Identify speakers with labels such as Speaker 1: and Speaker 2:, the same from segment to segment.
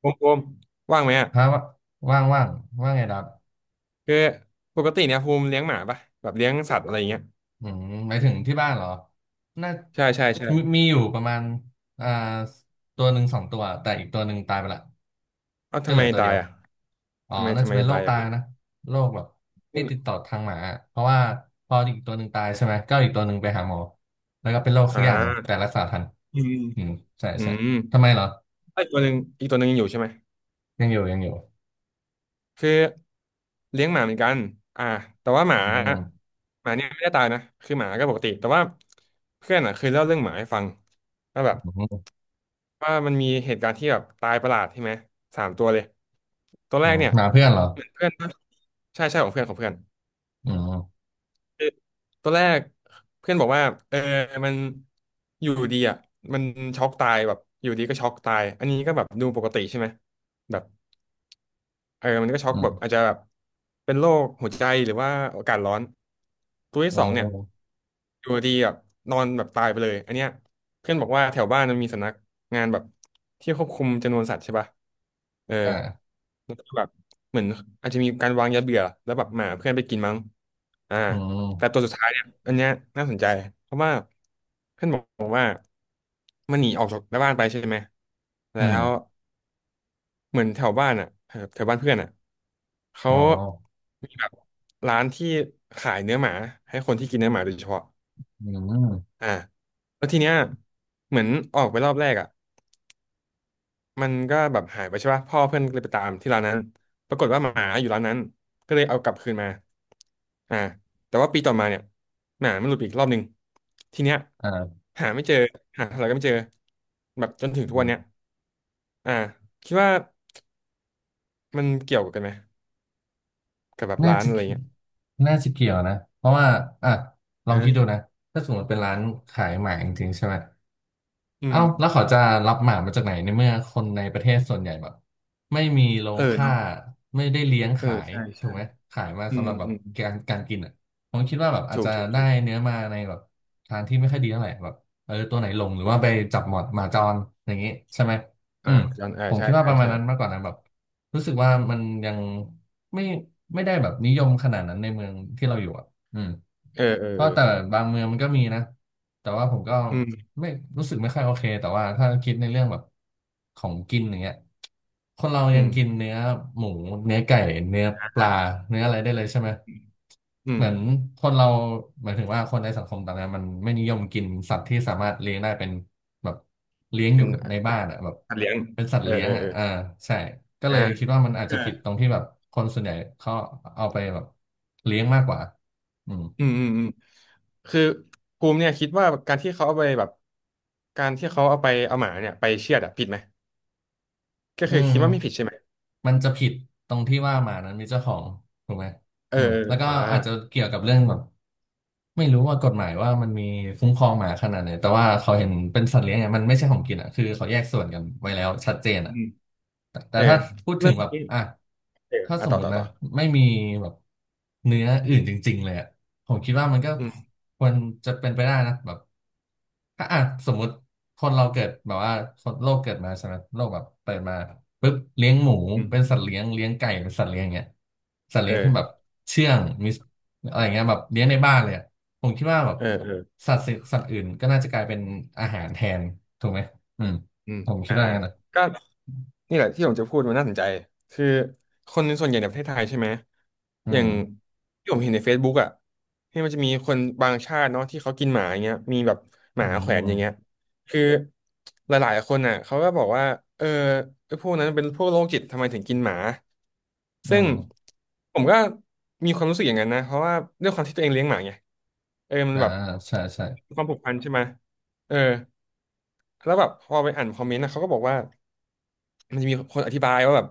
Speaker 1: ภูมิภูมิว่างไหมอ่ะ
Speaker 2: ฮะว่างว่างว่างไงดับ
Speaker 1: คือปกติเนี่ยภูมิเลี้ยงหมาปะแบบเลี้ยงสัตว์อะไรอย่างเงี้ย
Speaker 2: อืมหมายถึงที่บ้านเหรอน่า
Speaker 1: ใช่ใช่ใช่
Speaker 2: มีอยู่ประมาณอ่าตัวหนึ่งสองตัวแต่อีกตัวหนึ่งตายไปละ
Speaker 1: เอ้า
Speaker 2: ก็
Speaker 1: ทำ
Speaker 2: เหลื
Speaker 1: ไม
Speaker 2: อตัว
Speaker 1: ตา
Speaker 2: เดี
Speaker 1: ย
Speaker 2: ยว
Speaker 1: อ่ะ
Speaker 2: อ๋อ
Speaker 1: ทำไม
Speaker 2: น่าจะเป็นโร
Speaker 1: ตาย
Speaker 2: ค
Speaker 1: อ่ะ
Speaker 2: ตายนะโรคแบบที่ติดต่อทางหมาอะเพราะว่าพออีกตัวหนึ่งตายใช่ไหมก็อีกตัวหนึ่งไปหาหมอแล้วก็เป็นโรคสั
Speaker 1: อ่
Speaker 2: กอย่างหนึ่งแต่
Speaker 1: า
Speaker 2: รักษาทัน
Speaker 1: อืม
Speaker 2: อืมใช่
Speaker 1: อื
Speaker 2: ใช่
Speaker 1: ม
Speaker 2: ทำไมเหรอ
Speaker 1: ไอ้ตัวหนึ่งอีกตัวหนึ่งยังอยู่ใช่ไหม
Speaker 2: ยังอยู่ยังอยู่
Speaker 1: คือเลี้ยงหมาเหมือนกันอ่าแต่ว่าห
Speaker 2: อื
Speaker 1: มา
Speaker 2: ม
Speaker 1: เนี่ยไม่ได้ตายนะคือหมาก็ปกติแต่ว่าเพื่อนอ่ะเคยเล่าเรื่องหมาให้ฟังว่าแบบ
Speaker 2: อืม
Speaker 1: ว่ามันมีเหตุการณ์ที่แบบตายประหลาดใช่ไหมสามตัวเลยตัว
Speaker 2: อื
Speaker 1: แรก
Speaker 2: ม
Speaker 1: เนี่ย
Speaker 2: หมาเพื่อนเหรอ
Speaker 1: เหมือนเพื่อนปะใช่ใช่ของเพื่อนของเพื่อน
Speaker 2: อืม
Speaker 1: คือตอนแรกเพื่อนบอกว่าเออมันอยู่ดีอ่ะมันช็อกตายแบบอยู่ดีก็ช็อกตายอันนี้ก็แบบดูปกติใช่ไหมแบบ เออมันก็ช็อก
Speaker 2: อื
Speaker 1: แบ
Speaker 2: ม
Speaker 1: บอาจจะแบบเป็นโรคหัวใจหรือว่าอากาศร้อนตัวที่
Speaker 2: อื
Speaker 1: สองเนี่ย
Speaker 2: ม
Speaker 1: อยู่ดีแบบนอนแบบตายไปเลยอันเนี้ยเพื่อนบอกว่าแถวบ้านมันมีสำนักงานแบบที่ควบคุมจำนวนสัตว์ใช่ป่ะเออ
Speaker 2: อ่า
Speaker 1: แล้วก็แบบเหมือนอาจจะมีการวางยาเบื่อแล้วแบบหมาเพื่อนไปกินมั้งอ่า
Speaker 2: อื
Speaker 1: แต่ตัว
Speaker 2: ม
Speaker 1: สุดท้ายเนี่ยอันเนี้ยน่าสนใจเพราะว่าเพื่อนบอกว่ามันหนีออกจากหน้าบ้านไปใช่ไหม
Speaker 2: อื
Speaker 1: แล้
Speaker 2: ม
Speaker 1: ว เหมือนแถวบ้านอ่ะแถวแถวบ้านเพื่อนอ่ะเขา
Speaker 2: อ๋อ
Speaker 1: มีแบบร้านที่ขายเนื้อหมาให้คนที่กินเนื้อหมาโดยเฉพาะ
Speaker 2: อืม
Speaker 1: อ่าแล้วทีเนี้ยเหมือนออกไปรอบแรกอ่ะมันก็แบบหายไปใช่ป่ะพ่อเพื่อนก็เลยไปตามที่ร้านนั้นปรากฏว่าหมาอยู่ร้านนั้นก็เลยเอากลับคืนมาอ่าแต่ว่าปีต่อมาเนี่ยหมามันหลุดไปอีกรอบหนึ่งทีเนี้ย
Speaker 2: อ่า
Speaker 1: หาไม่เจอหาเท่าไหร่ก็ไม่เจอแบบจนถึงทุก
Speaker 2: อื
Speaker 1: วันเนี้ย
Speaker 2: ม
Speaker 1: อ่าคิดว่ามันเกี่ยวกันไหมกับแบบ
Speaker 2: น่า
Speaker 1: ร้าน
Speaker 2: จะ
Speaker 1: อะไร
Speaker 2: เกี่ยว
Speaker 1: เงี้ย
Speaker 2: น่าจะเกี่ยวนะเพราะว่าอ่ะลองคิดดู
Speaker 1: เออ
Speaker 2: นะถ้าสมมติเป็นร้านขายหมาจริงๆใช่ไหม
Speaker 1: อื
Speaker 2: เอ้า
Speaker 1: ม
Speaker 2: แล้วเขาจะรับหมามาจากไหนในเมื่อคนในประเทศส่วนใหญ่แบบไม่มีโร
Speaker 1: เอ
Speaker 2: ง
Speaker 1: อ
Speaker 2: ฆ่า
Speaker 1: เนาะ
Speaker 2: ไม่ได้เลี้ยง
Speaker 1: เอ
Speaker 2: ขา
Speaker 1: อ
Speaker 2: ย
Speaker 1: ใช่
Speaker 2: ถูก
Speaker 1: ใช่
Speaker 2: ไหมขายมา
Speaker 1: อื
Speaker 2: สำห
Speaker 1: ม
Speaker 2: รับแบบ
Speaker 1: อืม
Speaker 2: การกินอ่ะผมคิดว่าแบบอาจ
Speaker 1: ถูก
Speaker 2: จะ
Speaker 1: ถูก
Speaker 2: ได้
Speaker 1: ถูก
Speaker 2: เนื้อมาในแบบทางที่ไม่ค่อยดีเท่าไหร่แบบเออตัวไหนหลงหรือว่าไปจับหมอดหมาจรอย่างนี้ใช่ไหมอื
Speaker 1: อ่า
Speaker 2: ม
Speaker 1: ย้อนเออ
Speaker 2: ผม
Speaker 1: ใช่
Speaker 2: คิดว่า
Speaker 1: ใช่
Speaker 2: ประมาณ
Speaker 1: ใช่
Speaker 2: นั้นมากกว่านะแบบรู้สึกว่ามันยังไม่ไม่ได้แบบนิยมขนาดนั้นในเมืองที่เราอยู่อ่ะอืม
Speaker 1: เออเออ
Speaker 2: ก็
Speaker 1: เออ
Speaker 2: แต่บางเมืองมันก็มีนะ แต่ว่าผมก็
Speaker 1: อืม
Speaker 2: ไม่รู้สึกไม่ค่อยโอเคแต่ว่าถ้าคิดในเรื่องแบบของกินอย่างเงี้ยคนเรายั
Speaker 1: อื
Speaker 2: ง
Speaker 1: ม
Speaker 2: กินเนื้อหมูเนื้อไก่เนื้อปลา
Speaker 1: อ่า
Speaker 2: เนื้ออะไรได้เลยใช่ไหม
Speaker 1: อื
Speaker 2: เห
Speaker 1: ม
Speaker 2: มือนคนเราหมายถึงว่าคนในสังคมตอนนี้มันไม่นิยมกินสัตว์ที่สามารถเลี้ยงได้เป็นแบบเลี้ยงอ
Speaker 1: เป็
Speaker 2: ยู่
Speaker 1: น
Speaker 2: ในบ้า
Speaker 1: เป็น
Speaker 2: นอ่ะแบบ
Speaker 1: สัตว์เลี้ยง
Speaker 2: เป็นสัต
Speaker 1: เอ
Speaker 2: ว์
Speaker 1: อ
Speaker 2: เลี้ยง
Speaker 1: เออ
Speaker 2: อ่ะ
Speaker 1: เออ
Speaker 2: อ่าใช่ก็เล
Speaker 1: อ่า
Speaker 2: ยคิดว่ามันอาจ
Speaker 1: เออ
Speaker 2: จะผิดตรงที่แบบคนส่วนใหญ่เขาเอาไปแบบเลี้ยงมากกว่าอืม
Speaker 1: อืมอืมอืมคือภูมิเนี่ยคิดว่าการที่เขาเอาไปแบบการที่เขาเอาไปเอาหมาเนี่ยไปเชือดอะผิดไหม ก็
Speaker 2: อื
Speaker 1: คือ
Speaker 2: ม
Speaker 1: คิดว่าไม่ผิดใช่ไหม
Speaker 2: มันจะผิดตรงที่ว่าหมานั้นมีเจ้าของถูกไหม
Speaker 1: เออ
Speaker 2: อืมแล้วก็
Speaker 1: เอออ่า
Speaker 2: อาจจะเกี่ยวกับเรื่องแบบ ไม่รู้ว่ากฎหมายว่ามันมีคุ้มครองหมาขนาดไหนแต่ว่าเขาเห็นเป็นสัตว์เลี้ยงเนี่ยมันไม่ใช่ของกินอ่ะคือเขาแยกส่วนกันไว้แล้วชัดเจน
Speaker 1: อื
Speaker 2: อ่ะ
Speaker 1: ม
Speaker 2: แต่
Speaker 1: เออ
Speaker 2: ถ้าพูด
Speaker 1: เรื่
Speaker 2: ถึ
Speaker 1: อ
Speaker 2: ง
Speaker 1: ง
Speaker 2: แบบ
Speaker 1: นี้
Speaker 2: อ่ะ
Speaker 1: เออ
Speaker 2: ถ้า
Speaker 1: อ่ะ
Speaker 2: สม
Speaker 1: ต่อ
Speaker 2: ม
Speaker 1: ต่
Speaker 2: ติ
Speaker 1: อ
Speaker 2: นะ
Speaker 1: ต่อ
Speaker 2: ไม่มีแบบเนื้ออื่นจริงๆเลยอ่ะผมคิดว่ามันก็
Speaker 1: อืม
Speaker 2: ควรจะเป็นไปได้นะแบบถ้าอ่ะสมมติคนเราเกิดแบบว่าคนโลกเกิดมาใช่ไหมโลกแบบเปิดมาปุ๊บเลี้ยงหมู
Speaker 1: อื
Speaker 2: เป็น
Speaker 1: ม
Speaker 2: สัตว์เลี้ยงเลี้ยงไก่เป็นสัตว์เลี้ยงเงี้ยสัตว์
Speaker 1: เอ
Speaker 2: เลี้ยงที่แบบ
Speaker 1: อ
Speaker 2: เชื่องมีอะไรเงี้ยแบบเลี้ยงในบ้านเลยอะ ผมคิดว่าแบบ
Speaker 1: เออเออ
Speaker 2: สัตว์อื่นก็น่าจะกลายเป็นอาหารแทนถูกไหมอืม
Speaker 1: อืม
Speaker 2: ผมคิด
Speaker 1: อ่า
Speaker 2: ว่างั้นนะ
Speaker 1: ก็นี่แหละที่ผมจะพูดมันน่าสนใจคือคนส่วนใหญ่ในประเทศไทยใช่ไหม
Speaker 2: อื
Speaker 1: อย่า
Speaker 2: ม
Speaker 1: งที่ผมเห็นใน Facebook อ่ะที่มันจะมีคนบางชาติเนาะที่เขากินหมาอย่างเงี้ยมีแบบห
Speaker 2: อื
Speaker 1: มาแขวนอย่างเงี้ย
Speaker 2: ม
Speaker 1: คือหลายๆคนอ่ะเขาก็บอกว่าเออไอ้พวกนั้นเป็นพวกโรคจิตทำไมถึงกินหมา
Speaker 2: อื
Speaker 1: ซึ่ง
Speaker 2: ม
Speaker 1: ผมก็มีความรู้สึกอย่างนั้นนะเพราะว่าด้วยความที่ตัวเองเลี้ยงหมาไงเออมัน
Speaker 2: อ่า
Speaker 1: แบบ
Speaker 2: ใช่ใช่
Speaker 1: มีความผูกพันใช่ไหมเออ แล้วแบบพอไปอ่านคอมเมนต์นะเขาก็บอกว่ามันจะมีคนอธิบายว่าแบบ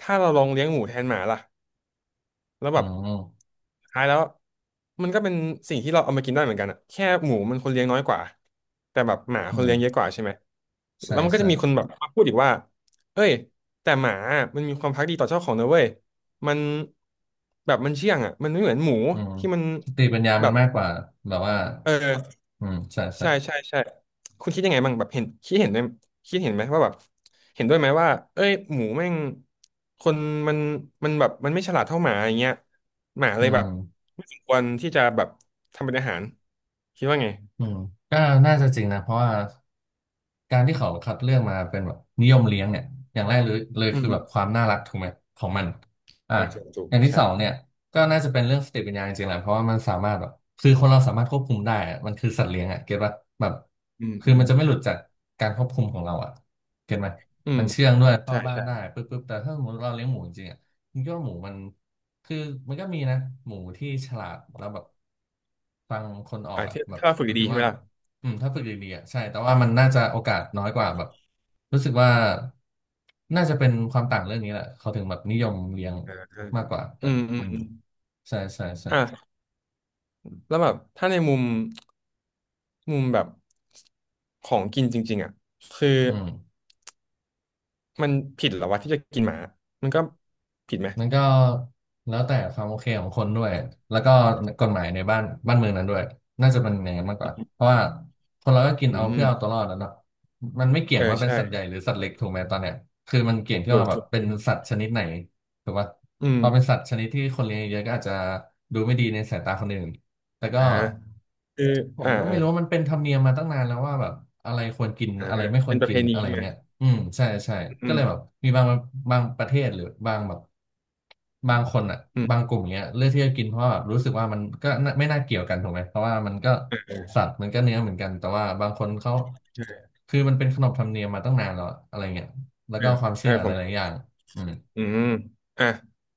Speaker 1: ถ้าเราลองเลี้ยงหมูแทนหมาล่ะแล้วแบ
Speaker 2: อื
Speaker 1: บ
Speaker 2: ม
Speaker 1: สุดท้ายแล้วมันก็เป็นสิ่งที่เราเอามากินได้เหมือนกันอะแค่หมูมันคนเลี้ยงน้อยกว่าแต่แบบหมา
Speaker 2: อื
Speaker 1: คนเลี้
Speaker 2: ม
Speaker 1: ยงเยอะกว่าใช่ไหม
Speaker 2: ใช่
Speaker 1: แล้วมันก็
Speaker 2: ใช่
Speaker 1: จะมีคนแบบมาพูดอีกว่าเอ้ยแต่หมามันมีความภักดีต่อเจ้าของนะเว้ยมันแบบมันเชื่องอ่ะมันไม่เหมือนหมู
Speaker 2: อืม
Speaker 1: ที่มัน
Speaker 2: สติปัญญา
Speaker 1: แบ
Speaker 2: มัน
Speaker 1: บ
Speaker 2: มากกว่าแบบว่า
Speaker 1: เออ
Speaker 2: อืมใช่ใช่
Speaker 1: ใช่ใช่ใช่คุณคิดยังไงบ้างแบบเห็นคิดเห็นด้วยคิดเห็นไหมว่าแบบเห็นด้วยไหมว่าเอ้ยหมูแม่งคนมันแบบมันไม่ฉลาดเท่าหมาอย่างเงี้ยหมาเล
Speaker 2: อื
Speaker 1: ยแบ
Speaker 2: ม
Speaker 1: บไม่สมควรที่จะแบบทำเป็นอาหารคิดว่าไง
Speaker 2: อืมก็น่าจะจริงนะเพราะว่าการที่เขาคัดเลือกมาเป็นแบบนิยมเลี้ยงเนี่ยอย่างแรกเลย
Speaker 1: อืม
Speaker 2: คือ
Speaker 1: อื
Speaker 2: แบ
Speaker 1: ม
Speaker 2: บความน่ารักถูกไหมของมันอ่า
Speaker 1: อ่าถูกถู
Speaker 2: อ
Speaker 1: ก
Speaker 2: ย่างที่
Speaker 1: ใช่
Speaker 2: สองเนี่ยก็น่าจะเป็นเรื่องสติปัญญาจริงๆแหละเพราะว่ามันสามารถแบบคือคนเราสามารถควบคุมได้อะมันคือสัตว์เลี้ยงอ่ะเก็ตป่ะแบบ
Speaker 1: อืม
Speaker 2: คื
Speaker 1: อื
Speaker 2: อ
Speaker 1: ม
Speaker 2: มันจะไม่หลุดจากการควบคุมของเราอ่ะเก็ตไหม
Speaker 1: อืม
Speaker 2: เข้า
Speaker 1: ใช่
Speaker 2: บ้าน
Speaker 1: ใช่
Speaker 2: ได้ปึ๊บปึ๊บแต่ถ้าสมมติเราเลี้ยงหมูจริงๆอ่ะมันก็หมูมันคือมันก็มีนะหมูที่ฉลาดแล้วแบบฟังคนออ
Speaker 1: อ่า
Speaker 2: กอ่ะ
Speaker 1: ถ้า
Speaker 2: แบบ
Speaker 1: เราฝึก
Speaker 2: หมาย
Speaker 1: ดี
Speaker 2: ถึ
Speaker 1: ๆ
Speaker 2: ง
Speaker 1: ใช่ไห
Speaker 2: ว่า
Speaker 1: มล่ะ
Speaker 2: อืมถ้าฝึกดีๆอ่ะใช่แต่ว่ามันน่าจะโอกาสน้อยกว่าแบบรู้สึกว่าน่าจะเป็นความต่างเรื่องนี้แหละเขาถึงแบบนิยมเลี้ยง
Speaker 1: อ่าอ่า
Speaker 2: มากกว่า
Speaker 1: อื
Speaker 2: กัน
Speaker 1: มอืม
Speaker 2: อืม
Speaker 1: อืม
Speaker 2: ใช่ใช่ใช่
Speaker 1: อ่าแล้วแบบถ้าในมุมแบบของกินจริงๆอ่ะคือ
Speaker 2: อืม
Speaker 1: มันผิดเหรอวะที่จะกินหมา มันก็ผิดไหม
Speaker 2: มันก็แล้วแต่ความโอเคของคนด้วยแล้วก็กฎหมายในบ้านเมืองนั้นด้วยน่าจะเป็นอย่างนั้นมากกว่าเพราะว่าคนเราก็กิน
Speaker 1: อื
Speaker 2: เอาเพื่อ
Speaker 1: ม
Speaker 2: เอาตัวรอดแล้วเนาะมันไม่เกี่ย
Speaker 1: เอ
Speaker 2: ง
Speaker 1: อ
Speaker 2: ว่าเป็น
Speaker 1: ใช่
Speaker 2: สัตว์ใหญ่หรือสัตว์เล็กถูกไหมตอนเนี้ยคือมันเกี่ยงที่
Speaker 1: ถู
Speaker 2: ว่า
Speaker 1: ก
Speaker 2: แบ
Speaker 1: ถู
Speaker 2: บ
Speaker 1: ก
Speaker 2: เป็น
Speaker 1: ถูก
Speaker 2: สัตว์ชนิดไหนถูกปะ
Speaker 1: อื
Speaker 2: พอเป็น
Speaker 1: ม
Speaker 2: สัตว์ชนิดที่คนเลี้ยงเยอะก็อาจจะดูไม่ดีในสายตาคนอื่นแต่ก็
Speaker 1: อ่าคือ
Speaker 2: ผม
Speaker 1: อ่า
Speaker 2: ก็ไม่
Speaker 1: อ่า
Speaker 2: รู้ว่ามันเป็นธรรมเนียมมาตั้งนานแล้วว่าแบบอะไรควรกิน
Speaker 1: อ่า
Speaker 2: อะไรไม่คว
Speaker 1: เป็
Speaker 2: ร
Speaker 1: นประ
Speaker 2: กิ
Speaker 1: เพ
Speaker 2: น
Speaker 1: ณี
Speaker 2: อะไร
Speaker 1: ใช่ไหม
Speaker 2: เงี้ยอืมใช่ใช่
Speaker 1: อื
Speaker 2: ก็เลยแบ
Speaker 1: ม
Speaker 2: บมีบางประเทศหรือบางแบบบางคนอ่ะ
Speaker 1: อืม
Speaker 2: บางกลุ่มเงี้ยเลือกที่จะกินเพราะว่าแบบรู้สึกว่ามันก็น่าเกี่ยวกันถูกไหมเพราะว่ามันก็สัตว์มันก็เนื้อเหมือนกันแต่ว่าบางคนเขา
Speaker 1: เออ
Speaker 2: คือมันเป็นขนบธรรมเนียมมาตั้งนานแล้วอะอะไรเงี้ยแล้ว
Speaker 1: เอ
Speaker 2: ก็
Speaker 1: อ
Speaker 2: ความ
Speaker 1: เอ
Speaker 2: เชื่อ
Speaker 1: อผ
Speaker 2: ห
Speaker 1: ม
Speaker 2: ลายๆอย่างอืม
Speaker 1: อืมอ่ะ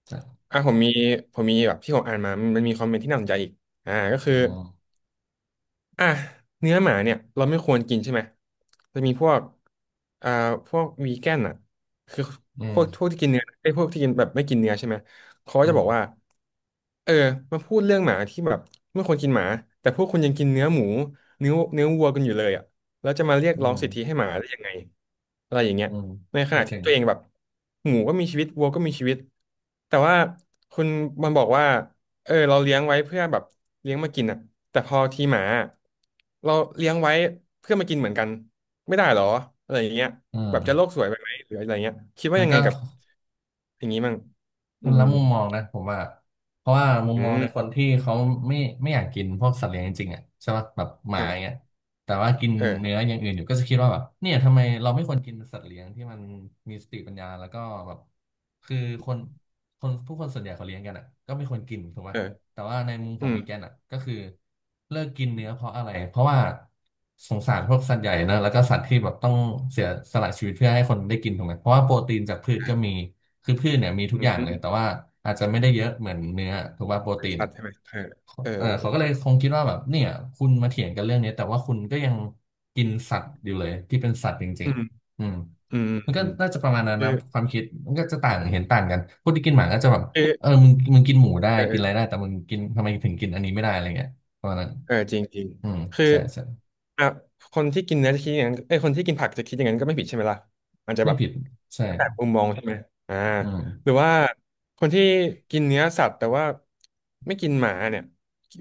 Speaker 2: ใช่
Speaker 1: อ่ะผมมีแบบที่ผมอ่านมามันมีคอมเมนต์ที่น่าสนใจอีกอ่าก็คือ
Speaker 2: อ๋อ
Speaker 1: อ่ะเนื้อหมาเนี่ยเราไม่ควรกินใช่ไหมจะมีพวกอ่าพวกวีแกนอ่ะคือ
Speaker 2: อื
Speaker 1: พ
Speaker 2: ม
Speaker 1: วกพวกที่กินเนื้อไอ้ยพวกที่กินแบบไม่กินเนื้อใช่ไหมเขาก็
Speaker 2: อื
Speaker 1: จะ
Speaker 2: ม
Speaker 1: บอกว่าเออมาพูดเรื่องหมาที่แบบไม่ควรกินหมาแต่พวกคุณยังกินเนื้อหมูเนื้อวัวกันอยู่เลยอ่ะแล้วจะมาเรียก
Speaker 2: อื
Speaker 1: ร้อง
Speaker 2: ม
Speaker 1: สิทธิให้หมาได้ยังไงอะไรอย่างเงี้ย
Speaker 2: อืม
Speaker 1: ในข
Speaker 2: ก็
Speaker 1: ณะ
Speaker 2: จ
Speaker 1: ที่
Speaker 2: ริง
Speaker 1: ตัวเองแบบหมูก็มีชีวิตวัวก็มีชีวิตแต่ว่าคุณมันบอกว่า เออเราเลี้ยงไว้เพื่อแบบเลี้ยงมากินอ่ะแต่พอทีหมาเราเลี้ยงไว้เพื่อมากินเหมือนกันไม่ได้หรออะไรอย่างเงี้ย
Speaker 2: อื
Speaker 1: แบ
Speaker 2: ม
Speaker 1: บจะโลกสวยไปไหมหรืออะไรเงี้ยคิดว่า
Speaker 2: มัน
Speaker 1: ยังไง
Speaker 2: ก็
Speaker 1: กับอย่างนี้มั่ง
Speaker 2: ค
Speaker 1: อื
Speaker 2: นละ
Speaker 1: ม
Speaker 2: มุมมองนะผมว่าเพราะว่ามุม
Speaker 1: อื
Speaker 2: มองในคน
Speaker 1: ม
Speaker 2: ที่เขาไม่ไม่อยากกินพวกสัตว์เลี้ยงจริงๆอ่ะใช่ป่ะแบบหมา
Speaker 1: อืม
Speaker 2: อย่าง
Speaker 1: อ่ะ
Speaker 2: เงี้ยแต่ว่ากิน
Speaker 1: เอ
Speaker 2: เนื้อ
Speaker 1: อ
Speaker 2: อย่างอื่นอยู่ก็จะคิดว่าแบบเนี่ยทำไมเราไม่ควรกินสัตว์เลี้ยงที่มันมีสติปัญญาแล้วก็แบบคือคนคนผู้คนส่วนใหญ่เขาเลี้ยงกันอ่ะก็ไม่ควรกินถูกป่ะ
Speaker 1: เออ
Speaker 2: แต่ว่าในมุมข
Speaker 1: อื
Speaker 2: อง
Speaker 1: ม
Speaker 2: วีแกนอ่ะก็คือ เพราะว่าสงสารพวกสัตว์ใหญ่นะแล้วก็สัตว์ที่แบบต้องเสียสละชีวิตเพื่อให้คนได้กินถูกไหมเพราะว่าโปรตีนจากพืชก็มีคือพืชเนี่ยมีทุ
Speaker 1: อื
Speaker 2: กอ
Speaker 1: ม
Speaker 2: ย่าง
Speaker 1: อื
Speaker 2: เล
Speaker 1: ม
Speaker 2: ยแต่ว่าอาจจะไม่ได้เยอะเหมือนเนื้อถูกป่ะโปรตีน
Speaker 1: สัต
Speaker 2: อ่ะ
Speaker 1: ว์ใช่ไหมเออเอ
Speaker 2: เออเขา
Speaker 1: อ
Speaker 2: ก็เลยคงคิดว่าแบบเนี่ยคุณมาเถียงกันเรื่องนี้แต่ว่าคุณก็ยังกินสัตว์อยู่เลยที่เป็นสัตว์จริ
Speaker 1: อื
Speaker 2: ง
Speaker 1: ม
Speaker 2: ๆอืม
Speaker 1: อืม
Speaker 2: มัน
Speaker 1: อื
Speaker 2: ก็
Speaker 1: ม
Speaker 2: น่าจะประมาณนั้น
Speaker 1: คือ
Speaker 2: นะความคิดมันก็จะต่าง
Speaker 1: อ่ะ
Speaker 2: เห็นต่างกันคนที่กินหมาก็จะแบบ
Speaker 1: คือ
Speaker 2: เออมึงกินหมูได้
Speaker 1: เออ
Speaker 2: กินอะไรได้แต่มึงกินทำไมถึงกินอันนี้ไม่ได้อะไรเงี้ยประมาณนั้น
Speaker 1: เออจริงจริง
Speaker 2: อืม
Speaker 1: คือ
Speaker 2: ใช่ใช่
Speaker 1: อ่ะคนที่กินเนื้อจะคิดอย่างนั้นเอ้ยคนที่กินผักจะคิดอย่างนั้นก็ไม่ผิดใช่ไหมล่ะมันจะ
Speaker 2: ไม่
Speaker 1: แบบ
Speaker 2: ผิดใช่
Speaker 1: จากมุมมองใช่ไหมอ่า
Speaker 2: อืม
Speaker 1: หรือว่าคนที่กินเนื้อสัตว์แต่ว่าไม่กินหมาเนี่ย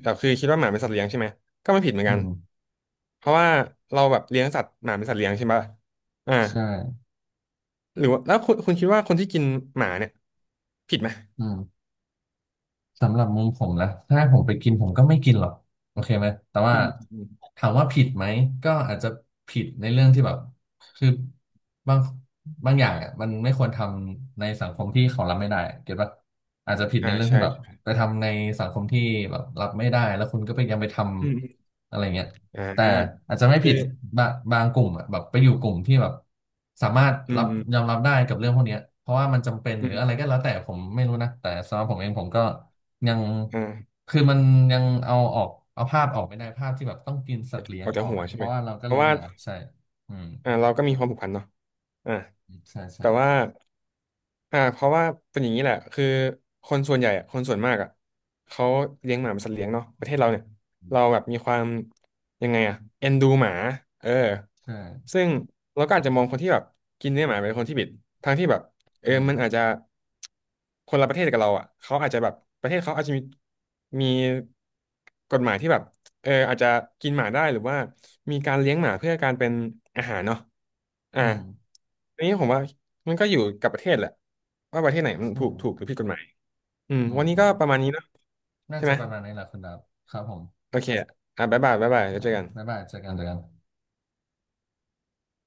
Speaker 1: แต่คือคิดว่าหมาเป็นสัตว์เลี้ยงใช่ไหมก็ไม่ผิดเหมือน
Speaker 2: อื
Speaker 1: กัน
Speaker 2: ม
Speaker 1: เพราะว่าเราแบบเลี้ยงสัตว์หมาเป็นสัตว์เลี้ยงใช่ไหมอ่า
Speaker 2: ใช่
Speaker 1: หรือว่าแล้วคุณคิดว่าคนที่กินหมาเนี่ยผิดไหม
Speaker 2: อืม สำหรับมุมผมนะถ้าผมไปกินผมก็ไม่กินหรอกโอเคไหมแต่ว่า
Speaker 1: อืมอืม
Speaker 2: ถามว่าผิดไหมก็อาจจะผิดในเรื่องที่แบบคือบางบางอย่างอ่ะมันไม่ควรทำในสังคมที่เขารับไม่ได้เก็ตปะอาจจะผิด
Speaker 1: อ่า
Speaker 2: ในเรื่องที่
Speaker 1: ใช่
Speaker 2: แบบไปทำในสังคมที่แบบรับไม่ได้แล้วคุณก็ไปยังไปท
Speaker 1: อืมอืม
Speaker 2: ำอะไรเงี้ย
Speaker 1: อ่า
Speaker 2: แต่อาจจะไม่
Speaker 1: คื
Speaker 2: ผิ
Speaker 1: อ
Speaker 2: ดบางกลุ่มอ่ะแบบไปอยู่กลุ่มที่แบบสามารถ
Speaker 1: อื
Speaker 2: รั
Speaker 1: ม
Speaker 2: บ
Speaker 1: อืม
Speaker 2: ยอมรับได้กับเรื่องพวกเนี้ยเพราะว่ามันจำเป็น
Speaker 1: อื
Speaker 2: หรืออะไร
Speaker 1: ม
Speaker 2: ก็แล้วแต่ผมไม่รู้นะแต่สำหรับผมเองผมก็ ยัง
Speaker 1: อ่า
Speaker 2: คือมันยังเอาออกเอาภาพออกไม่ได้ภาพที่แบบต้องกินสัตว์เลี้ย
Speaker 1: อ
Speaker 2: ง
Speaker 1: อกจา
Speaker 2: อ
Speaker 1: ก
Speaker 2: อก
Speaker 1: หัว
Speaker 2: อะ
Speaker 1: ใช่
Speaker 2: เพ
Speaker 1: ไหม
Speaker 2: ราะว่าเราก็
Speaker 1: เพราะ
Speaker 2: เลี้ยง
Speaker 1: ว่า
Speaker 2: หมาใช่อืม
Speaker 1: เราก็มีความผูกพันเนาะอ่า
Speaker 2: ใช่ใช่
Speaker 1: แต่ว่าเพราะว่าเป็นอย่างนี้แหละคือคนส่วนใหญ่อะคนส่วนมากอ่ะเขาเลี้ยงหมาเป็นสัตว์เลี้ยงเนาะประเทศเราเนี่ย
Speaker 2: อื
Speaker 1: เรา
Speaker 2: ม
Speaker 1: แบบมีความยังไงอ่ะเอ็นดูหมาเออ
Speaker 2: ใช่
Speaker 1: ซึ่งเราก็อาจจะมองคนที่แบบกินเนื้อหมาเป็นคนที่ผิดทั้งที่แบบเออ
Speaker 2: อืม
Speaker 1: มันอาจจะคนละประเทศกับเราอ่ะเขาอาจจะแบบประเทศเขาอาจจะมีกฎหมายที่แบบ เอออาจจะกินหมาได้หรือว่ามีการเลี้ยงหมาเพื่อการเป็นอาหารเนาะอ่า
Speaker 2: อืม
Speaker 1: อันนี้ผมว่ามันก็อยู่กับประเทศแหละว่าประเทศไหนมัน
Speaker 2: ใช่
Speaker 1: ถูกหรือผิดกฎหมายอืม
Speaker 2: อืม
Speaker 1: วันนี้
Speaker 2: อื
Speaker 1: ก็
Speaker 2: ม
Speaker 1: ประมาณนี้เนาะ
Speaker 2: น่า
Speaker 1: ใช่
Speaker 2: จะ
Speaker 1: ไหม
Speaker 2: ประมาณนี้แหละคุณดับครับผม
Speaker 1: โอเคอ่ะบ๊ายบายบ๊ายบายแล้ว
Speaker 2: อ่า
Speaker 1: เจอกัน
Speaker 2: บ๊ายบายเจอกันเจอกัน